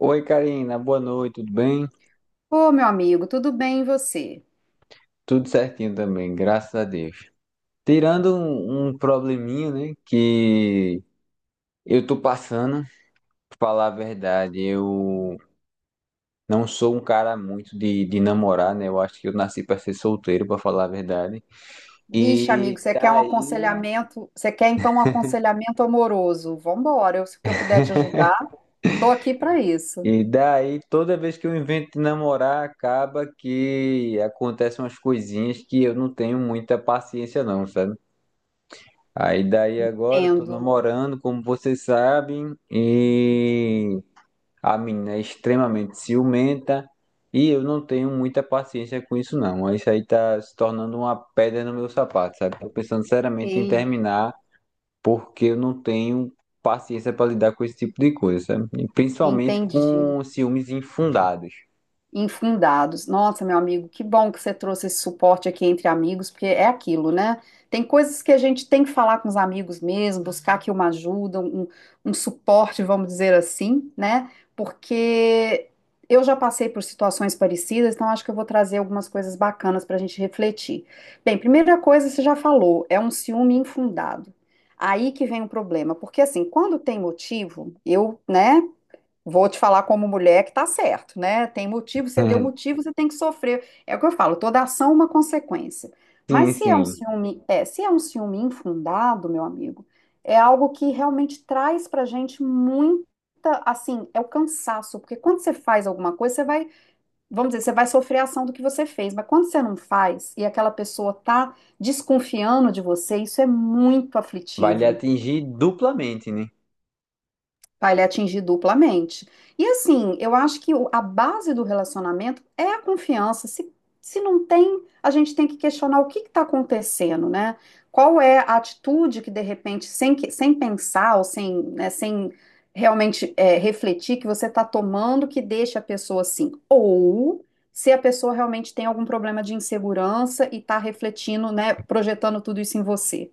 Oi, Karina, boa noite, tudo bem? Ô, meu amigo, tudo bem e você? Tudo certinho também, graças a Deus. Tirando um probleminha, né, que eu tô passando, pra falar a verdade, eu não sou um cara muito de namorar, né? Eu acho que eu nasci pra ser solteiro, pra falar a verdade. Vixe, amigo, E você quer um daí, aconselhamento? Você quer então um aconselhamento amoroso? Vambora, eu, se eu puder te ajudar, tô aqui para isso. Toda vez que eu invento de namorar, acaba que acontecem umas coisinhas que eu não tenho muita paciência, não, sabe? Aí daí agora eu tô Entendo. namorando, como vocês sabem, e a menina é extremamente ciumenta e eu não tenho muita paciência com isso não. Isso aí tá se tornando uma pedra no meu sapato, sabe? Tô pensando seriamente em Ei, terminar porque eu não tenho paciência para lidar com esse tipo de coisa, sabe? E principalmente entendi. com ciúmes infundados. Infundados. Nossa, meu amigo, que bom que você trouxe esse suporte aqui entre amigos, porque é aquilo, né? Tem coisas que a gente tem que falar com os amigos mesmo, buscar aqui uma ajuda, um suporte, vamos dizer assim, né? Porque eu já passei por situações parecidas, então acho que eu vou trazer algumas coisas bacanas para a gente refletir. Bem, primeira coisa, você já falou, é um ciúme infundado. Aí que vem o problema, porque assim, quando tem motivo, eu, né? Vou te falar como mulher que tá certo, né? Tem motivo, você deu motivo, você tem que sofrer. É o que eu falo, toda ação é uma consequência. Mas Sim, se é um sim. ciúme, se é um ciúme infundado, meu amigo, é algo que realmente traz pra gente muita, assim, é o cansaço, porque quando você faz alguma coisa, você vai, vamos dizer, você vai sofrer a ação do que você fez, mas quando você não faz e aquela pessoa tá desconfiando de você, isso é muito Vai lhe aflitivo. atingir duplamente, né? Para ele atingir duplamente. E assim, eu acho que a base do relacionamento é a confiança. Se não tem, a gente tem que questionar o que está acontecendo, né? Qual é a atitude que, de repente, sem pensar ou sem, né, sem realmente refletir, que você está tomando que deixa a pessoa assim? Ou se a pessoa realmente tem algum problema de insegurança e está refletindo, né, projetando tudo isso em você.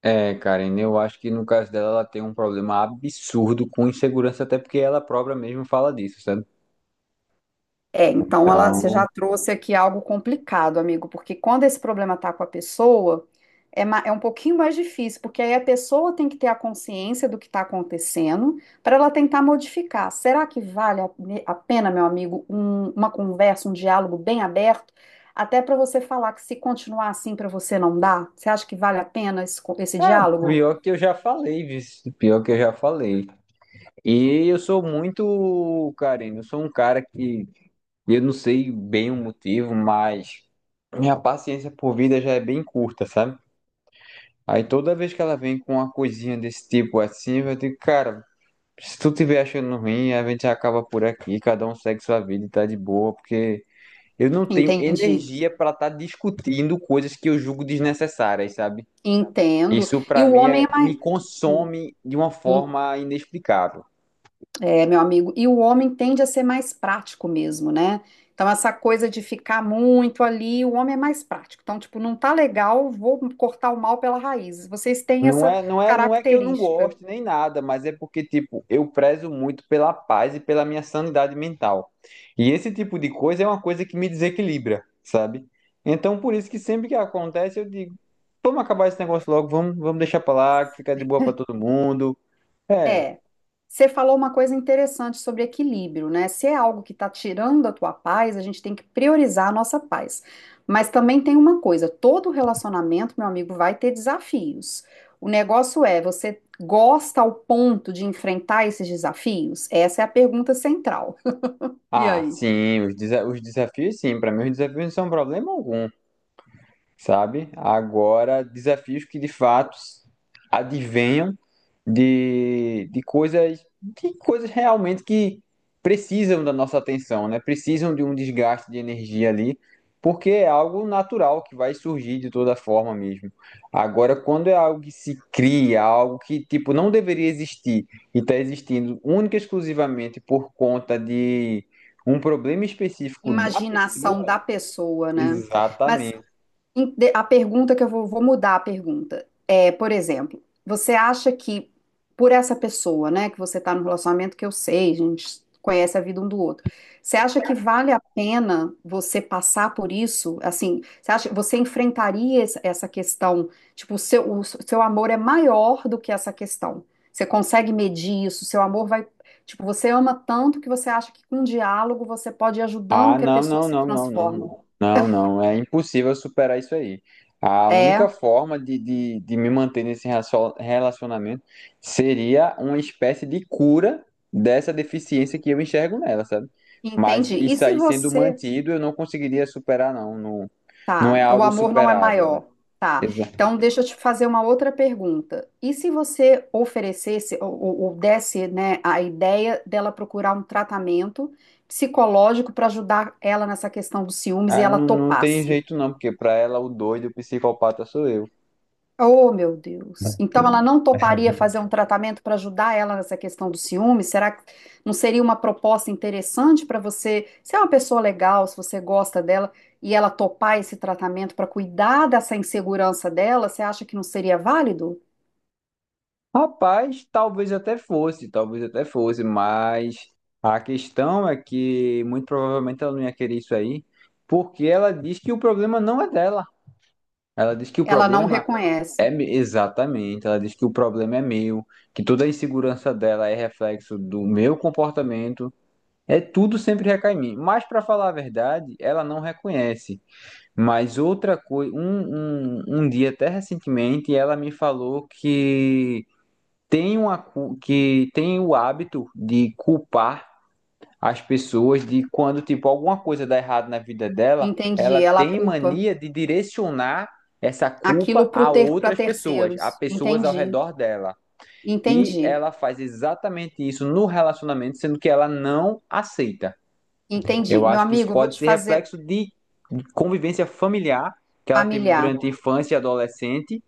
É, Karen, eu acho que no caso dela ela tem um problema absurdo com insegurança, até porque ela própria mesmo fala disso, sabe? É, então ela, você Então, já trouxe aqui algo complicado, amigo, porque quando esse problema tá com a pessoa, é um pouquinho mais difícil, porque aí a pessoa tem que ter a consciência do que está acontecendo para ela tentar modificar. Será que vale a pena, meu amigo, uma conversa, um diálogo bem aberto, até para você falar que se continuar assim para você não dá? Você acha que vale a pena esse é, diálogo? pior que eu já falei, viu? Pior que eu já falei. E eu sou muito, Karen, eu sou um cara que eu não sei bem o motivo, mas minha paciência por vida já é bem curta, sabe? Aí toda vez que ela vem com uma coisinha desse tipo assim, eu digo, cara, se tu tiver achando ruim, a gente acaba por aqui, cada um segue sua vida e tá de boa, porque eu não tenho Entendi, energia para estar discutindo coisas que eu julgo desnecessárias, sabe? entendo. Isso E para o mim homem é, é me mais. consome de uma é, forma inexplicável. É, meu amigo, e o homem tende a ser mais prático mesmo, né? Então, essa coisa de ficar muito ali, o homem é mais prático. Então, tipo, não tá legal, vou cortar o mal pela raiz. Vocês têm Não essa é, não é, não é que eu não característica. goste nem nada, mas é porque tipo, eu prezo muito pela paz e pela minha sanidade mental. E esse tipo de coisa é uma coisa que me desequilibra, sabe? Então por isso que sempre que acontece eu digo, vamos acabar esse negócio logo, vamos, deixar pra lá, que fica de boa para todo mundo. É, É, você falou uma coisa interessante sobre equilíbrio, né? Se é algo que está tirando a tua paz, a gente tem que priorizar a nossa paz. Mas também tem uma coisa, todo relacionamento, meu amigo, vai ter desafios. O negócio é, você gosta ao ponto de enfrentar esses desafios? Essa é a pergunta central. E ah, aí? sim, os desafios, sim. Para mim, os desafios não são problema algum, sabe? Agora, desafios que de fato advenham de coisas, de coisas realmente que precisam da nossa atenção, né? Precisam de um desgaste de energia ali, porque é algo natural que vai surgir de toda forma mesmo. Agora, quando é algo que se cria, algo que tipo não deveria existir e está existindo única e exclusivamente por conta de um problema específico da Imaginação da pessoa, pessoa, né? Mas exatamente. A pergunta que vou mudar a pergunta é, por exemplo, você acha que por essa pessoa, né, que você está no relacionamento que eu sei, a gente conhece a vida um do outro, você acha que vale a pena você passar por isso? Assim, você acha, você enfrentaria essa questão? Tipo, o seu amor é maior do que essa questão. Você consegue medir isso? Seu amor vai, tipo, você ama tanto que você acha que com diálogo você pode ir ajudando Ah, que a não, pessoa não, se não, não, não, transforme. não. Não, não, é impossível superar isso aí. A única É. forma de me manter nesse relacionamento seria uma espécie de cura dessa deficiência que eu enxergo nela, sabe? Mas Entendi. E isso se aí sendo você mantido, eu não conseguiria superar, não. Não, não tá, é o algo amor não é superável. maior, tá? Exato. Então deixa eu te fazer uma outra pergunta. E se você oferecesse ou desse, né, a ideia dela procurar um tratamento psicológico para ajudar ela nessa questão dos ciúmes e Ah, ela não, não tem topasse? jeito, não, porque para ela o doido, o psicopata sou eu. Oh, meu Deus. Então ela não toparia fazer um tratamento para ajudar ela nessa questão do ciúme? Será que não seria uma proposta interessante para você, se é uma pessoa legal, se você gosta dela, e ela topar esse tratamento para cuidar dessa insegurança dela, você acha que não seria válido? Rapaz, talvez até fosse, mas a questão é que muito provavelmente ela não ia querer isso aí, porque ela diz que o problema não é dela. Ela diz que o Ela não problema é reconhece. Exatamente, ela diz que o problema é meu, que toda a insegurança dela é reflexo do meu comportamento, é tudo sempre recai em mim. Mas para falar a verdade, ela não reconhece. Mas outra coisa, um dia até recentemente, ela me falou que tem uma, que tem o hábito de culpar as pessoas de quando, tipo, alguma coisa dá errado na vida dela, Entendi. ela Ela tem culpa mania de direcionar essa aquilo culpa a para outras pessoas, a terceiros. pessoas ao redor dela. E Entendi. ela faz exatamente isso no relacionamento, sendo que ela não aceita. Entendi. Eu Meu acho que isso amigo, eu vou pode te ser fazer reflexo de convivência familiar que ela teve familiar durante a infância e adolescente,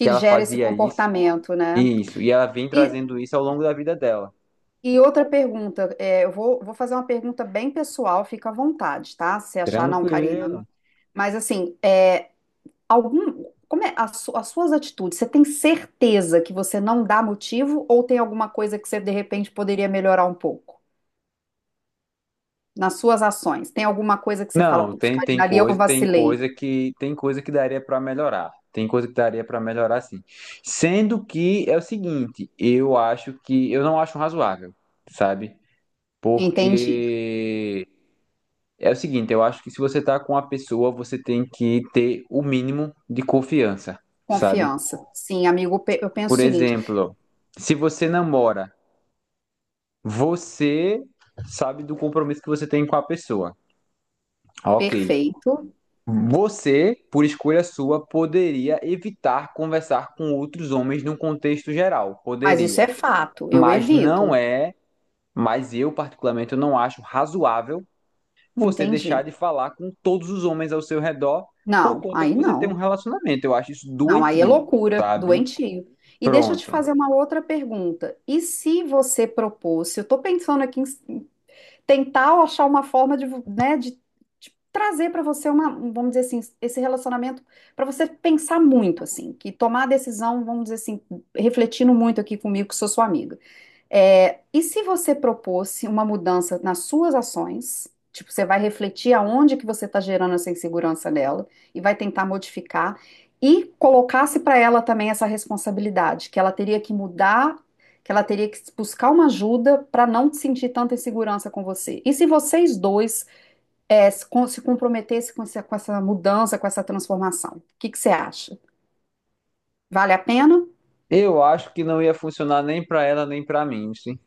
que ela gera esse fazia isso, comportamento, né? isso, e ela vem E trazendo isso ao longo da vida dela. E outra pergunta, é, vou fazer uma pergunta bem pessoal, fica à vontade, tá? Se achar, não, Karina. Não- Tranquilo. Mas assim, é, algum, como é as suas atitudes? Você tem certeza que você não dá motivo ou tem alguma coisa que você de repente poderia melhorar um pouco nas suas ações? Tem alguma coisa que você fala, Não, putz, tem, tem Karina, ali eu coisa, vacilei. Tem coisa que daria para melhorar. Tem coisa que daria para melhorar, sim. Sendo que é o seguinte, eu acho que eu não acho razoável, sabe? Entendi. Porque é o seguinte, eu acho que se você tá com uma pessoa, você tem que ter o mínimo de confiança, sabe? Confiança. Sim, amigo, pe- eu penso o Por seguinte, exemplo, se você namora, você sabe do compromisso que você tem com a pessoa. Ok. perfeito, Você, por escolha sua, poderia evitar conversar com outros homens num contexto geral. mas isso é Poderia. fato, eu Mas não evito. é, mas eu particularmente eu não acho razoável você deixar Entendi. de falar com todos os homens ao seu redor por Não, conta aí que você tem um não. relacionamento. Eu acho isso Não, aí é doentio, loucura, sabe? doentio. E deixa eu te Pronto. fazer uma outra pergunta. E se você propôs, se eu estou pensando aqui em tentar achar uma forma de trazer para você vamos dizer assim, esse relacionamento para você pensar muito assim, que tomar a decisão, vamos dizer assim, refletindo muito aqui comigo, que sou sua amiga. É, e se você propôsse uma mudança nas suas ações, tipo, você vai refletir aonde que você está gerando essa insegurança nela e vai tentar modificar e colocasse para ela também essa responsabilidade, que ela teria que mudar, que ela teria que buscar uma ajuda para não sentir tanta insegurança com você. E se vocês dois se comprometessem com essa mudança, com essa transformação, o que que você acha? Vale a pena? Eu acho que não ia funcionar nem pra ela nem pra mim, sim.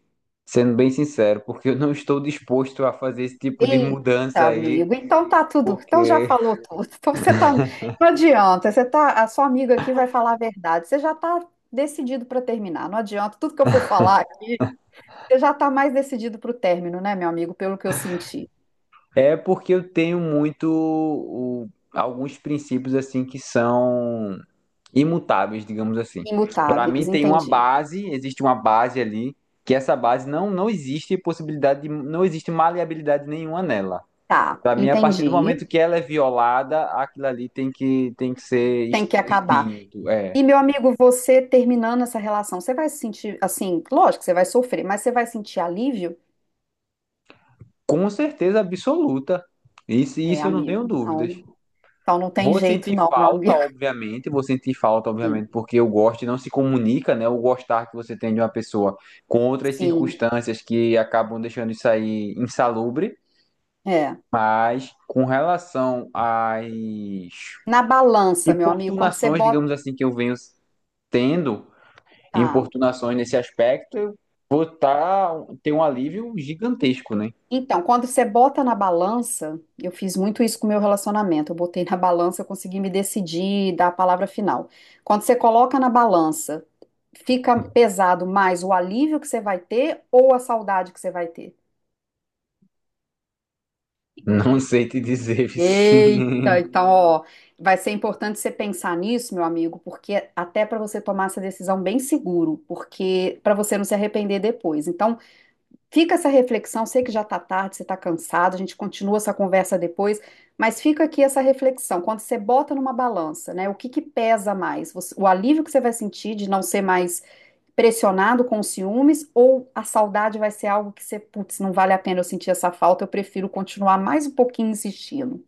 Sendo bem sincero, porque eu não estou disposto a fazer esse tipo de Eita, mudança aí, amigo. Então tá tudo. Então já porque falou tudo. Então você tá. Não adianta. Você tá. A sua amiga aqui vai falar a verdade. Você já tá decidido para terminar. Não adianta. Tudo que eu for falar aqui, você já tá mais decidido para o término, né, meu amigo? Pelo que eu senti. é porque eu tenho muito alguns princípios assim que são imutáveis, digamos assim. Para mim Imutáveis, tem uma entendi. base, existe uma base ali, que essa base não existe possibilidade de, não existe maleabilidade nenhuma nela. Tá, Para mim, a partir do entendi. momento que ela é violada, aquilo ali tem que ser Tem que acabar. extinto, é, E, meu amigo, você terminando essa relação, você vai se sentir assim, lógico que você vai sofrer, mas você vai sentir alívio? com certeza absoluta. É, Isso eu não tenho amigo. dúvidas. Então, então não tem Vou jeito, sentir não, meu falta, amigo. obviamente, vou sentir falta, Sim, obviamente, porque o gosto não se comunica, né? O gostar que você tem de uma pessoa com outras sim. circunstâncias que acabam deixando isso aí insalubre, É. mas com relação às Na balança, meu amigo, quando você importunações, bota. digamos assim, que eu venho tendo, importunações nesse aspecto, eu vou tá, ter um alívio gigantesco, né? Então, quando você bota na balança, eu fiz muito isso com o meu relacionamento. Eu botei na balança, eu consegui me decidir, dar a palavra final. Quando você coloca na balança, fica pesado mais o alívio que você vai ter ou a saudade que você vai ter? Não sei te dizer, Vici. Eita, então, ó, vai ser importante você pensar nisso, meu amigo, porque até para você tomar essa decisão bem seguro, porque para você não se arrepender depois. Então, fica essa reflexão, sei que já está tarde, você está cansado, a gente continua essa conversa depois, mas fica aqui essa reflexão. Quando você bota numa balança, né, o que que pesa mais? Você- o alívio que você vai sentir de não ser mais pressionado com os ciúmes ou a saudade vai ser algo que você, putz, não vale a pena eu sentir essa falta, eu prefiro continuar mais um pouquinho insistindo.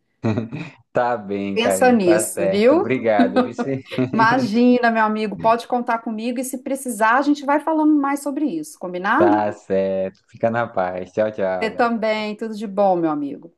Tá bem, Pensa Karina, tá nisso, certo. viu? Obrigado, Vici. Imagina, meu amigo, pode contar comigo e se precisar, a gente vai falando mais sobre isso, combinado? Tá certo. Fica na paz. Tchau, Você tchau. também, tudo de bom, meu amigo.